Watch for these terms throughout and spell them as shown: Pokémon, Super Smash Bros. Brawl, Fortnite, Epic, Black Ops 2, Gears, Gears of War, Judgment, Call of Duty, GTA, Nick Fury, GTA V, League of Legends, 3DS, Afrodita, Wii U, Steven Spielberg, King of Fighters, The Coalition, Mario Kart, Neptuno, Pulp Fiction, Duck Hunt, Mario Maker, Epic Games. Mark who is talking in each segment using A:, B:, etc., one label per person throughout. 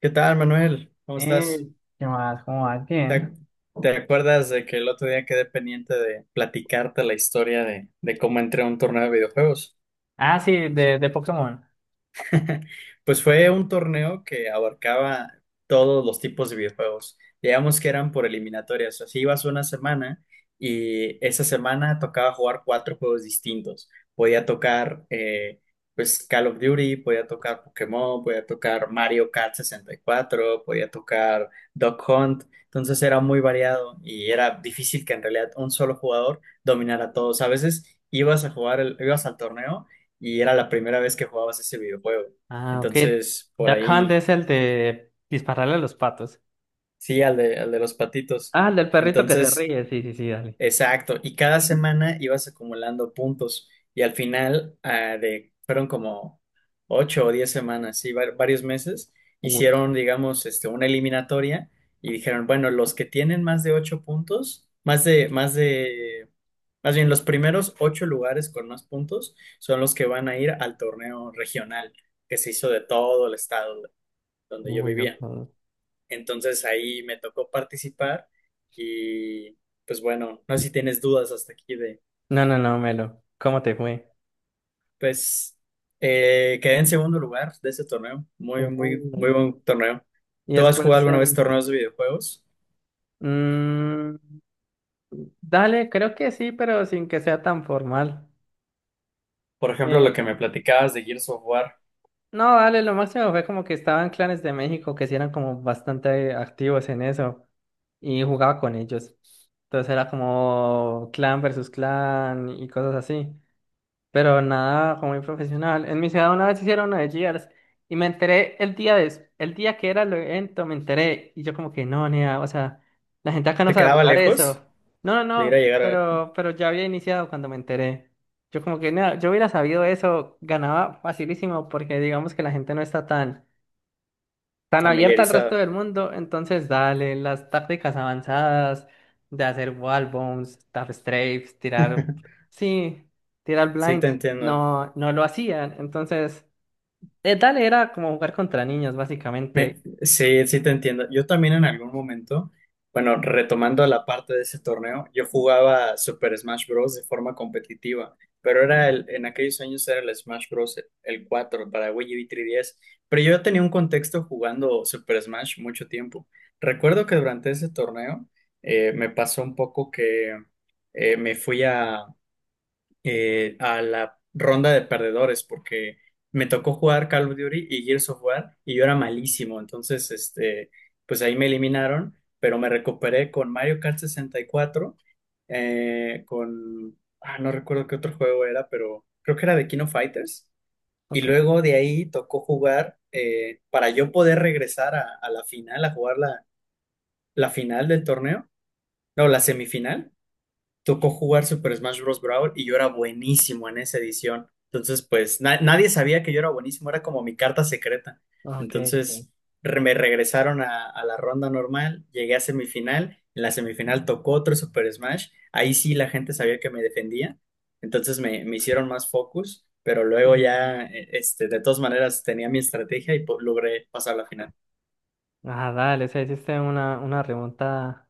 A: ¿Qué tal, Manuel? ¿Cómo estás?
B: Eh, ¿qué más? ¿Cómo vas?
A: ¿Te,
B: Bien.
A: ac- te acuerdas de que el otro día quedé pendiente de platicarte la historia de cómo entré a un torneo de videojuegos?
B: Ah, sí, de Pokémon.
A: Pues fue un torneo que abarcaba todos los tipos de videojuegos. Digamos que eran por eliminatorias. Así ibas una semana y esa semana tocaba jugar cuatro juegos distintos. Podía tocar pues Call of Duty, podía tocar Pokémon, podía tocar Mario Kart 64, podía tocar Duck Hunt. Entonces era muy variado y era difícil que en realidad un solo jugador dominara a todos. A veces ibas a jugar, ibas al torneo y era la primera vez que jugabas ese videojuego.
B: Ah, ok.
A: Entonces, por
B: Duck Hunt
A: ahí,
B: es el de dispararle a los patos.
A: sí, al de los patitos.
B: Ah, el del perrito que se
A: Entonces,
B: ríe. Sí, sí, sí, dale.
A: exacto. Y cada semana ibas acumulando puntos. Y al final, fueron como 8 o 10 semanas, sí, varios meses,
B: Uy,
A: hicieron, digamos, este, una eliminatoria y dijeron, bueno, los que tienen más de ocho puntos, más bien, los primeros ocho lugares con más puntos son los que van a ir al torneo regional que se hizo de todo el estado donde yo
B: uy, yo
A: vivía.
B: puedo.
A: Entonces ahí me tocó participar y pues bueno, no sé si tienes dudas hasta aquí de,
B: No, no, no, Melo. ¿Cómo te fue?
A: pues quedé en segundo lugar de ese torneo, muy, muy,
B: Uh.
A: muy buen torneo.
B: Y
A: ¿Tú has jugado
B: después
A: alguna vez
B: el.
A: torneos de videojuegos?
B: Mm, dale, creo que sí, pero sin que sea tan formal.
A: Por ejemplo, lo que
B: Eh,
A: me platicabas de Gears of War,
B: No, vale, lo máximo fue como que estaban clanes de México que sí eran como bastante activos en eso y jugaba con ellos. Entonces era como clan versus clan y cosas así, pero nada como muy profesional. En mi ciudad una vez hicieron una de Gears y me enteré el el día que era el evento, me enteré y yo como que no, nea, o sea, la gente acá no
A: ¿te
B: sabe
A: quedaba
B: jugar eso.
A: lejos
B: No, no,
A: de ir a
B: no,
A: llegar
B: pero ya había iniciado cuando me enteré. Yo como que nea, yo hubiera sabido eso, ganaba facilísimo porque digamos que la gente no está tan tan abierta al resto
A: familiarizada?
B: del mundo, entonces dale las tácticas avanzadas de hacer wall bombs, tap strafes, tirar, sí, tirar
A: Sí, te
B: blind,
A: entiendo.
B: no, no lo hacían, entonces dale era como jugar contra niños básicamente.
A: Sí, sí te entiendo. Yo también en algún momento, bueno, retomando la parte de ese torneo, yo jugaba Super Smash Bros. De forma competitiva, pero era en aquellos años era el Smash Bros. El 4 para Wii U y 3DS, pero yo tenía un contexto jugando Super Smash mucho tiempo. Recuerdo que durante ese torneo me pasó un poco que me fui a la ronda de perdedores porque me tocó jugar Call of Duty y Gears of War y yo era malísimo, entonces este, pues ahí me eliminaron, pero me recuperé con Mario Kart 64, no recuerdo qué otro juego era, pero creo que era de King of Fighters. Y
B: Ok,
A: luego de ahí tocó jugar, para yo poder regresar a la final, a jugar la final del torneo, no, la semifinal tocó jugar Super Smash Bros. Brawl y yo era buenísimo en esa edición. Entonces, pues nadie sabía que yo era buenísimo, era como mi carta secreta.
B: ok, ok.
A: Entonces, me regresaron a la ronda normal, llegué a semifinal, en la semifinal tocó otro Super Smash, ahí sí la gente sabía que me defendía, entonces me hicieron más focus, pero luego
B: Ujú.
A: ya, de todas maneras tenía mi estrategia y logré pasar la final.
B: Ah, dale, o sea hiciste una remontada.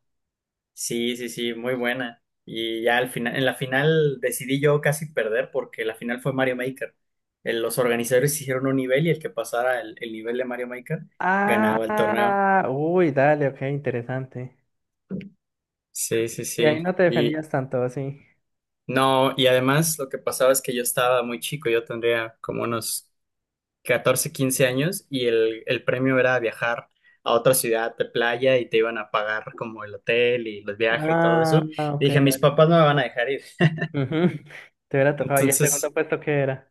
A: Sí, sí, sí, muy buena. Y ya al final, en la final decidí yo casi perder porque la final fue Mario Maker. Los organizadores hicieron un nivel y el que pasara el nivel de Mario Maker ganaba el torneo.
B: Ah, uy, dale, ok, interesante.
A: Sí, sí,
B: Y ahí
A: sí.
B: no te
A: Y
B: defendías tanto, sí.
A: no, y además lo que pasaba es que yo estaba muy chico, yo tendría como unos 14, 15 años y el premio era viajar a otra ciudad de playa y te iban a pagar como el hotel y los viajes y todo
B: Ah,
A: eso. Y
B: ok.
A: dije, mis papás no me van a dejar ir.
B: Ujú. Te hubiera tocado. ¿Y el segundo
A: Entonces...
B: puesto qué era?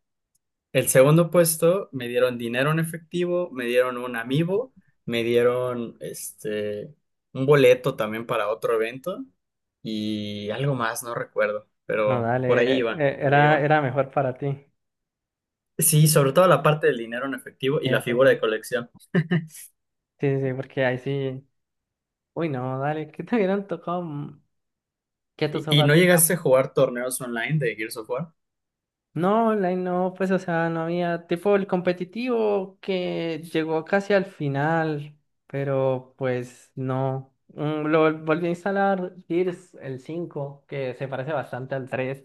A: El segundo puesto me dieron dinero en efectivo, me dieron un amiibo, me dieron un boleto también para otro evento y algo más, no recuerdo,
B: No,
A: pero por
B: dale,
A: ahí iba, por ahí
B: era,
A: iba.
B: era mejor para ti.
A: Sí, sobre todo la parte del dinero en efectivo y
B: Eh,
A: la
B: pues sí,
A: figura de colección.
B: sí, sí, porque ahí sí. Uy, no, dale, ¿qué te hubieran tocado? Que tus
A: ¿Y
B: sofás
A: no
B: digan.
A: llegaste a jugar torneos online de Gears of War?
B: No, online no, pues, o sea, no había. Tipo el competitivo que llegó casi al final, pero pues no. Lo volví a instalar Gears, el 5 que se parece bastante al tres.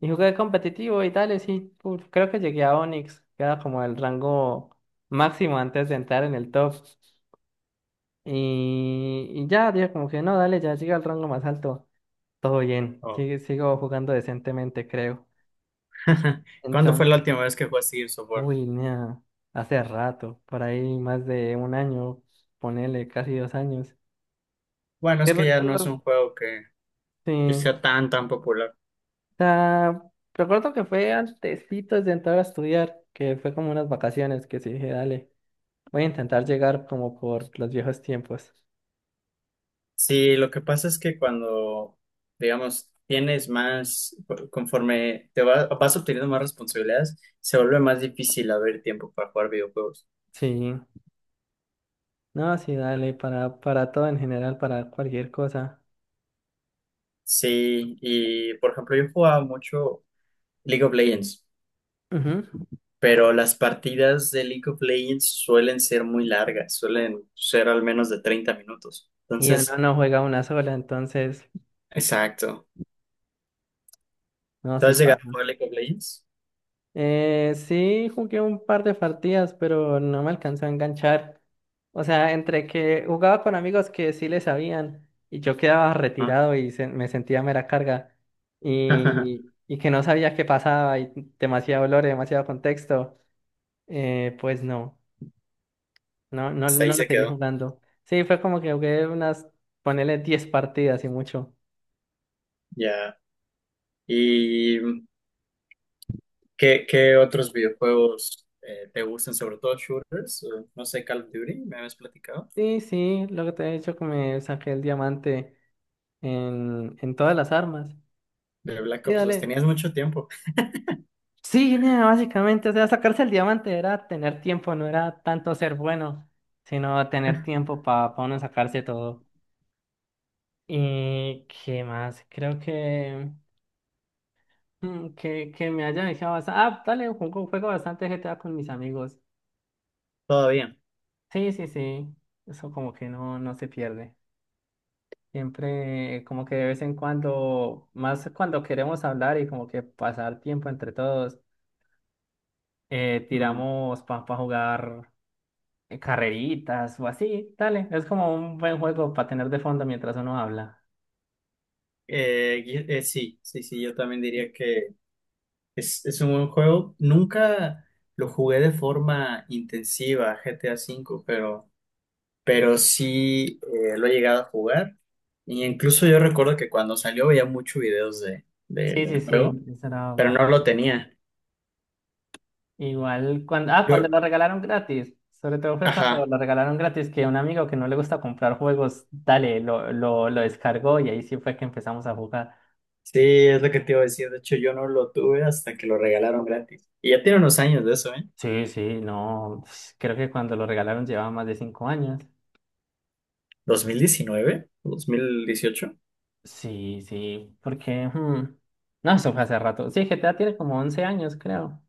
B: Y jugué competitivo y tal, y sí, creo que llegué a Onyx, que era como el rango máximo antes de entrar en el top. Y ya, dije como que no, dale, ya llegué al rango más alto. Todo bien,
A: Oh.
B: sigo jugando decentemente, creo.
A: ¿Cuándo fue la
B: Entonces,
A: última vez que jugaste Gears of War?
B: uy, nea, hace rato, por ahí más de un año, ponele casi 2 años.
A: Bueno,
B: Y
A: es que ya no es
B: recuerdo,
A: un juego que,
B: sí,
A: que
B: o
A: sea tan, tan popular.
B: sea, recuerdo que fue antesitos de entrar a estudiar, que fue como unas vacaciones, que sí dije, dale. Voy a intentar llegar como por los viejos tiempos.
A: Sí, lo que pasa es que cuando, digamos, tienes conforme te vas obteniendo más responsabilidades, se vuelve más difícil haber tiempo para jugar videojuegos.
B: Sí, no, sí, dale, para todo en general, para cualquier cosa.
A: Sí, y por ejemplo, yo jugaba mucho League of Legends,
B: Ujú.
A: pero las partidas de League of Legends suelen ser muy largas, suelen ser al menos de 30 minutos.
B: Y uno
A: Entonces,
B: no juega una sola, entonces,
A: exacto.
B: no,
A: ¿Tú
B: sí
A: has llegado a
B: pasa.
A: jugar League of Legends?
B: Sí, jugué un par de partidas, pero no me alcanzó a enganchar. O sea, entre que jugaba con amigos que sí le sabían y yo quedaba
A: Ah,
B: retirado y me sentía mera carga y que no sabía qué pasaba y demasiado olor y demasiado contexto, pues no. No, no,
A: hasta ahí
B: no la
A: se
B: seguí
A: quedó.
B: jugando. Sí, fue como que jugué unas, ponele 10 partidas y mucho.
A: Ya. ¿Qué otros videojuegos te gustan, sobre todo shooters? No sé, Call of Duty, me habías platicado.
B: Sí, sí, lo que te he dicho que me saqué el diamante en todas las armas.
A: De Black
B: Sí,
A: Ops 2,
B: dale.
A: tenías mucho tiempo.
B: Sí, nea, básicamente, o sea, sacarse el diamante era tener tiempo, no era tanto ser bueno, sino tener tiempo para uno sacarse todo. ¿Y qué más? Creo que, mm, que me haya dejado bastante. Ah, dale, juego bastante GTA con mis amigos.
A: Todavía.
B: Sí, sí, sí. Eso como que no, no se pierde. Siempre como que de vez en cuando, más cuando queremos hablar y como que pasar tiempo entre todos,
A: Mm.
B: tiramos para jugar carreritas o así. Dale, es como un buen juego para tener de fondo mientras uno habla.
A: Sí, sí, sí, yo también diría que es un buen juego. Nunca lo jugué de forma intensiva, GTA V, pero, sí lo he llegado a jugar. Y incluso yo recuerdo que cuando salió veía muchos videos
B: Sí, sí,
A: del juego,
B: sí, eso era
A: pero no
B: bajo.
A: lo tenía.
B: Igual cuando, ah, cuando
A: Yo,
B: lo regalaron gratis. Sobre todo fue cuando
A: ajá.
B: lo regalaron gratis que un amigo que no le gusta comprar juegos, dale, lo descargó y ahí sí fue que empezamos a jugar.
A: Sí, es lo que te iba a decir. De hecho, yo no lo tuve hasta que lo regalaron gratis. Y ya tiene unos años de eso, ¿eh?
B: Sí, sí, no, creo que cuando lo regalaron llevaba más de 5 años.
A: ¿2019? ¿2018?
B: Sí, sí, porque. No, eso fue hace rato. Sí, GTA tiene como 11 años, creo.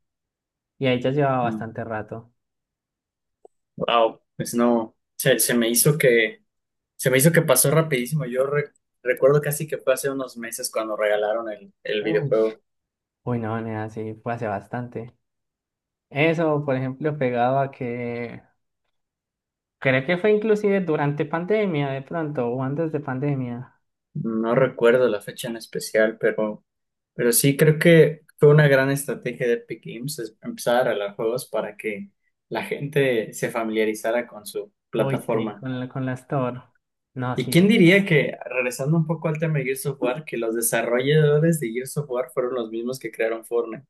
B: Y ahí ya llevaba
A: Mm,
B: bastante rato.
A: Wow, pues no, se me hizo que, se me hizo que pasó rapidísimo. Yo recuerdo casi que fue hace unos meses cuando regalaron el
B: Uy.
A: videojuego.
B: Uy, no, nena, sí, fue hace bastante. Eso, por ejemplo, pegado a que. Creo que fue inclusive durante pandemia, de pronto, o antes de pandemia.
A: No recuerdo la fecha en especial, pero, sí creo que fue una gran estrategia de Epic Games es empezar a regalar juegos para que la gente se familiarizara con su
B: Uy, sí,
A: plataforma.
B: con la Store. No,
A: ¿Y
B: sí.
A: quién diría que, regresando un poco al tema de Gears of War, que los desarrolladores de Gears of War fueron los mismos que crearon Fortnite?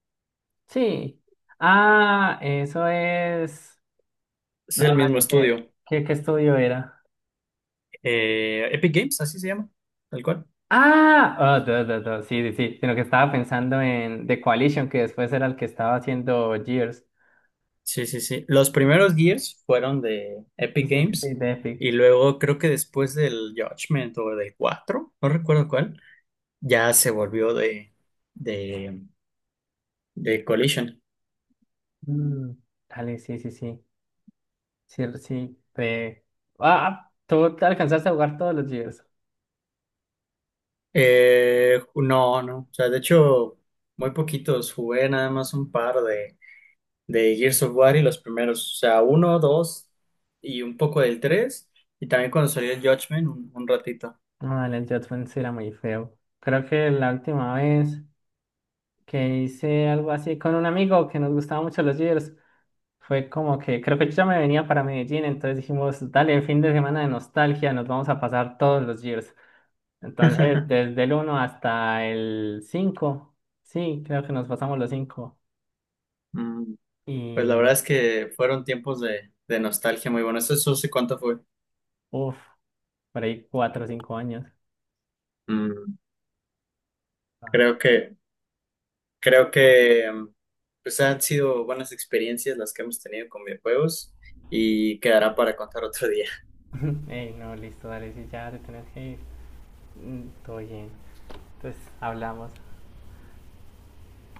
B: Sí. Ah, eso es.
A: Es el mismo
B: ¿Qué,
A: estudio.
B: qué estudio era?
A: Epic Games, así se llama, tal cual.
B: Ah, ah, duh, duh, duh, sí, sí, sí, sino que estaba pensando en The Coalition, que después era el que estaba haciendo Gears.
A: Sí, sí, sí. Los primeros Gears fueron de
B: Sí,
A: Epic
B: sí, sí,
A: Games
B: de Epic.
A: y luego creo que después del Judgment o del 4, no recuerdo cuál, ya se volvió de, de Collision.
B: Mm, Dale, sí, sí, sí. Sí, sí. Ah, tú te alcanzaste a jugar todos los Gears.
A: No, no. O sea, de hecho, muy poquitos. Jugué nada más un par de Gears of War y los primeros, o sea, uno, dos y un poco del tres, y también cuando salió el Judgment, un ratito.
B: No, dale, el Judgment sí era muy feo. Creo que la última vez que hice algo así con un amigo que nos gustaba mucho los Gears, fue como que creo que yo ya me venía para Medellín, entonces dijimos, dale, fin de semana de nostalgia, nos vamos a pasar todos los Gears. Entonces, desde el uno hasta el 5 sí, creo que nos pasamos los cinco.
A: Mm, Pues la verdad
B: Y,
A: es que fueron tiempos de nostalgia muy buenos. Eso eso sí, ¿cuánto fue?
B: uff, por ahí 4 o 5 años.
A: Mm,
B: Ah.
A: Creo que, creo que pues han sido buenas experiencias las que hemos tenido con videojuegos y quedará para contar otro día.
B: Ey, no, listo, dale, si ya te tenés que ir. Todo bien. Entonces, hablamos.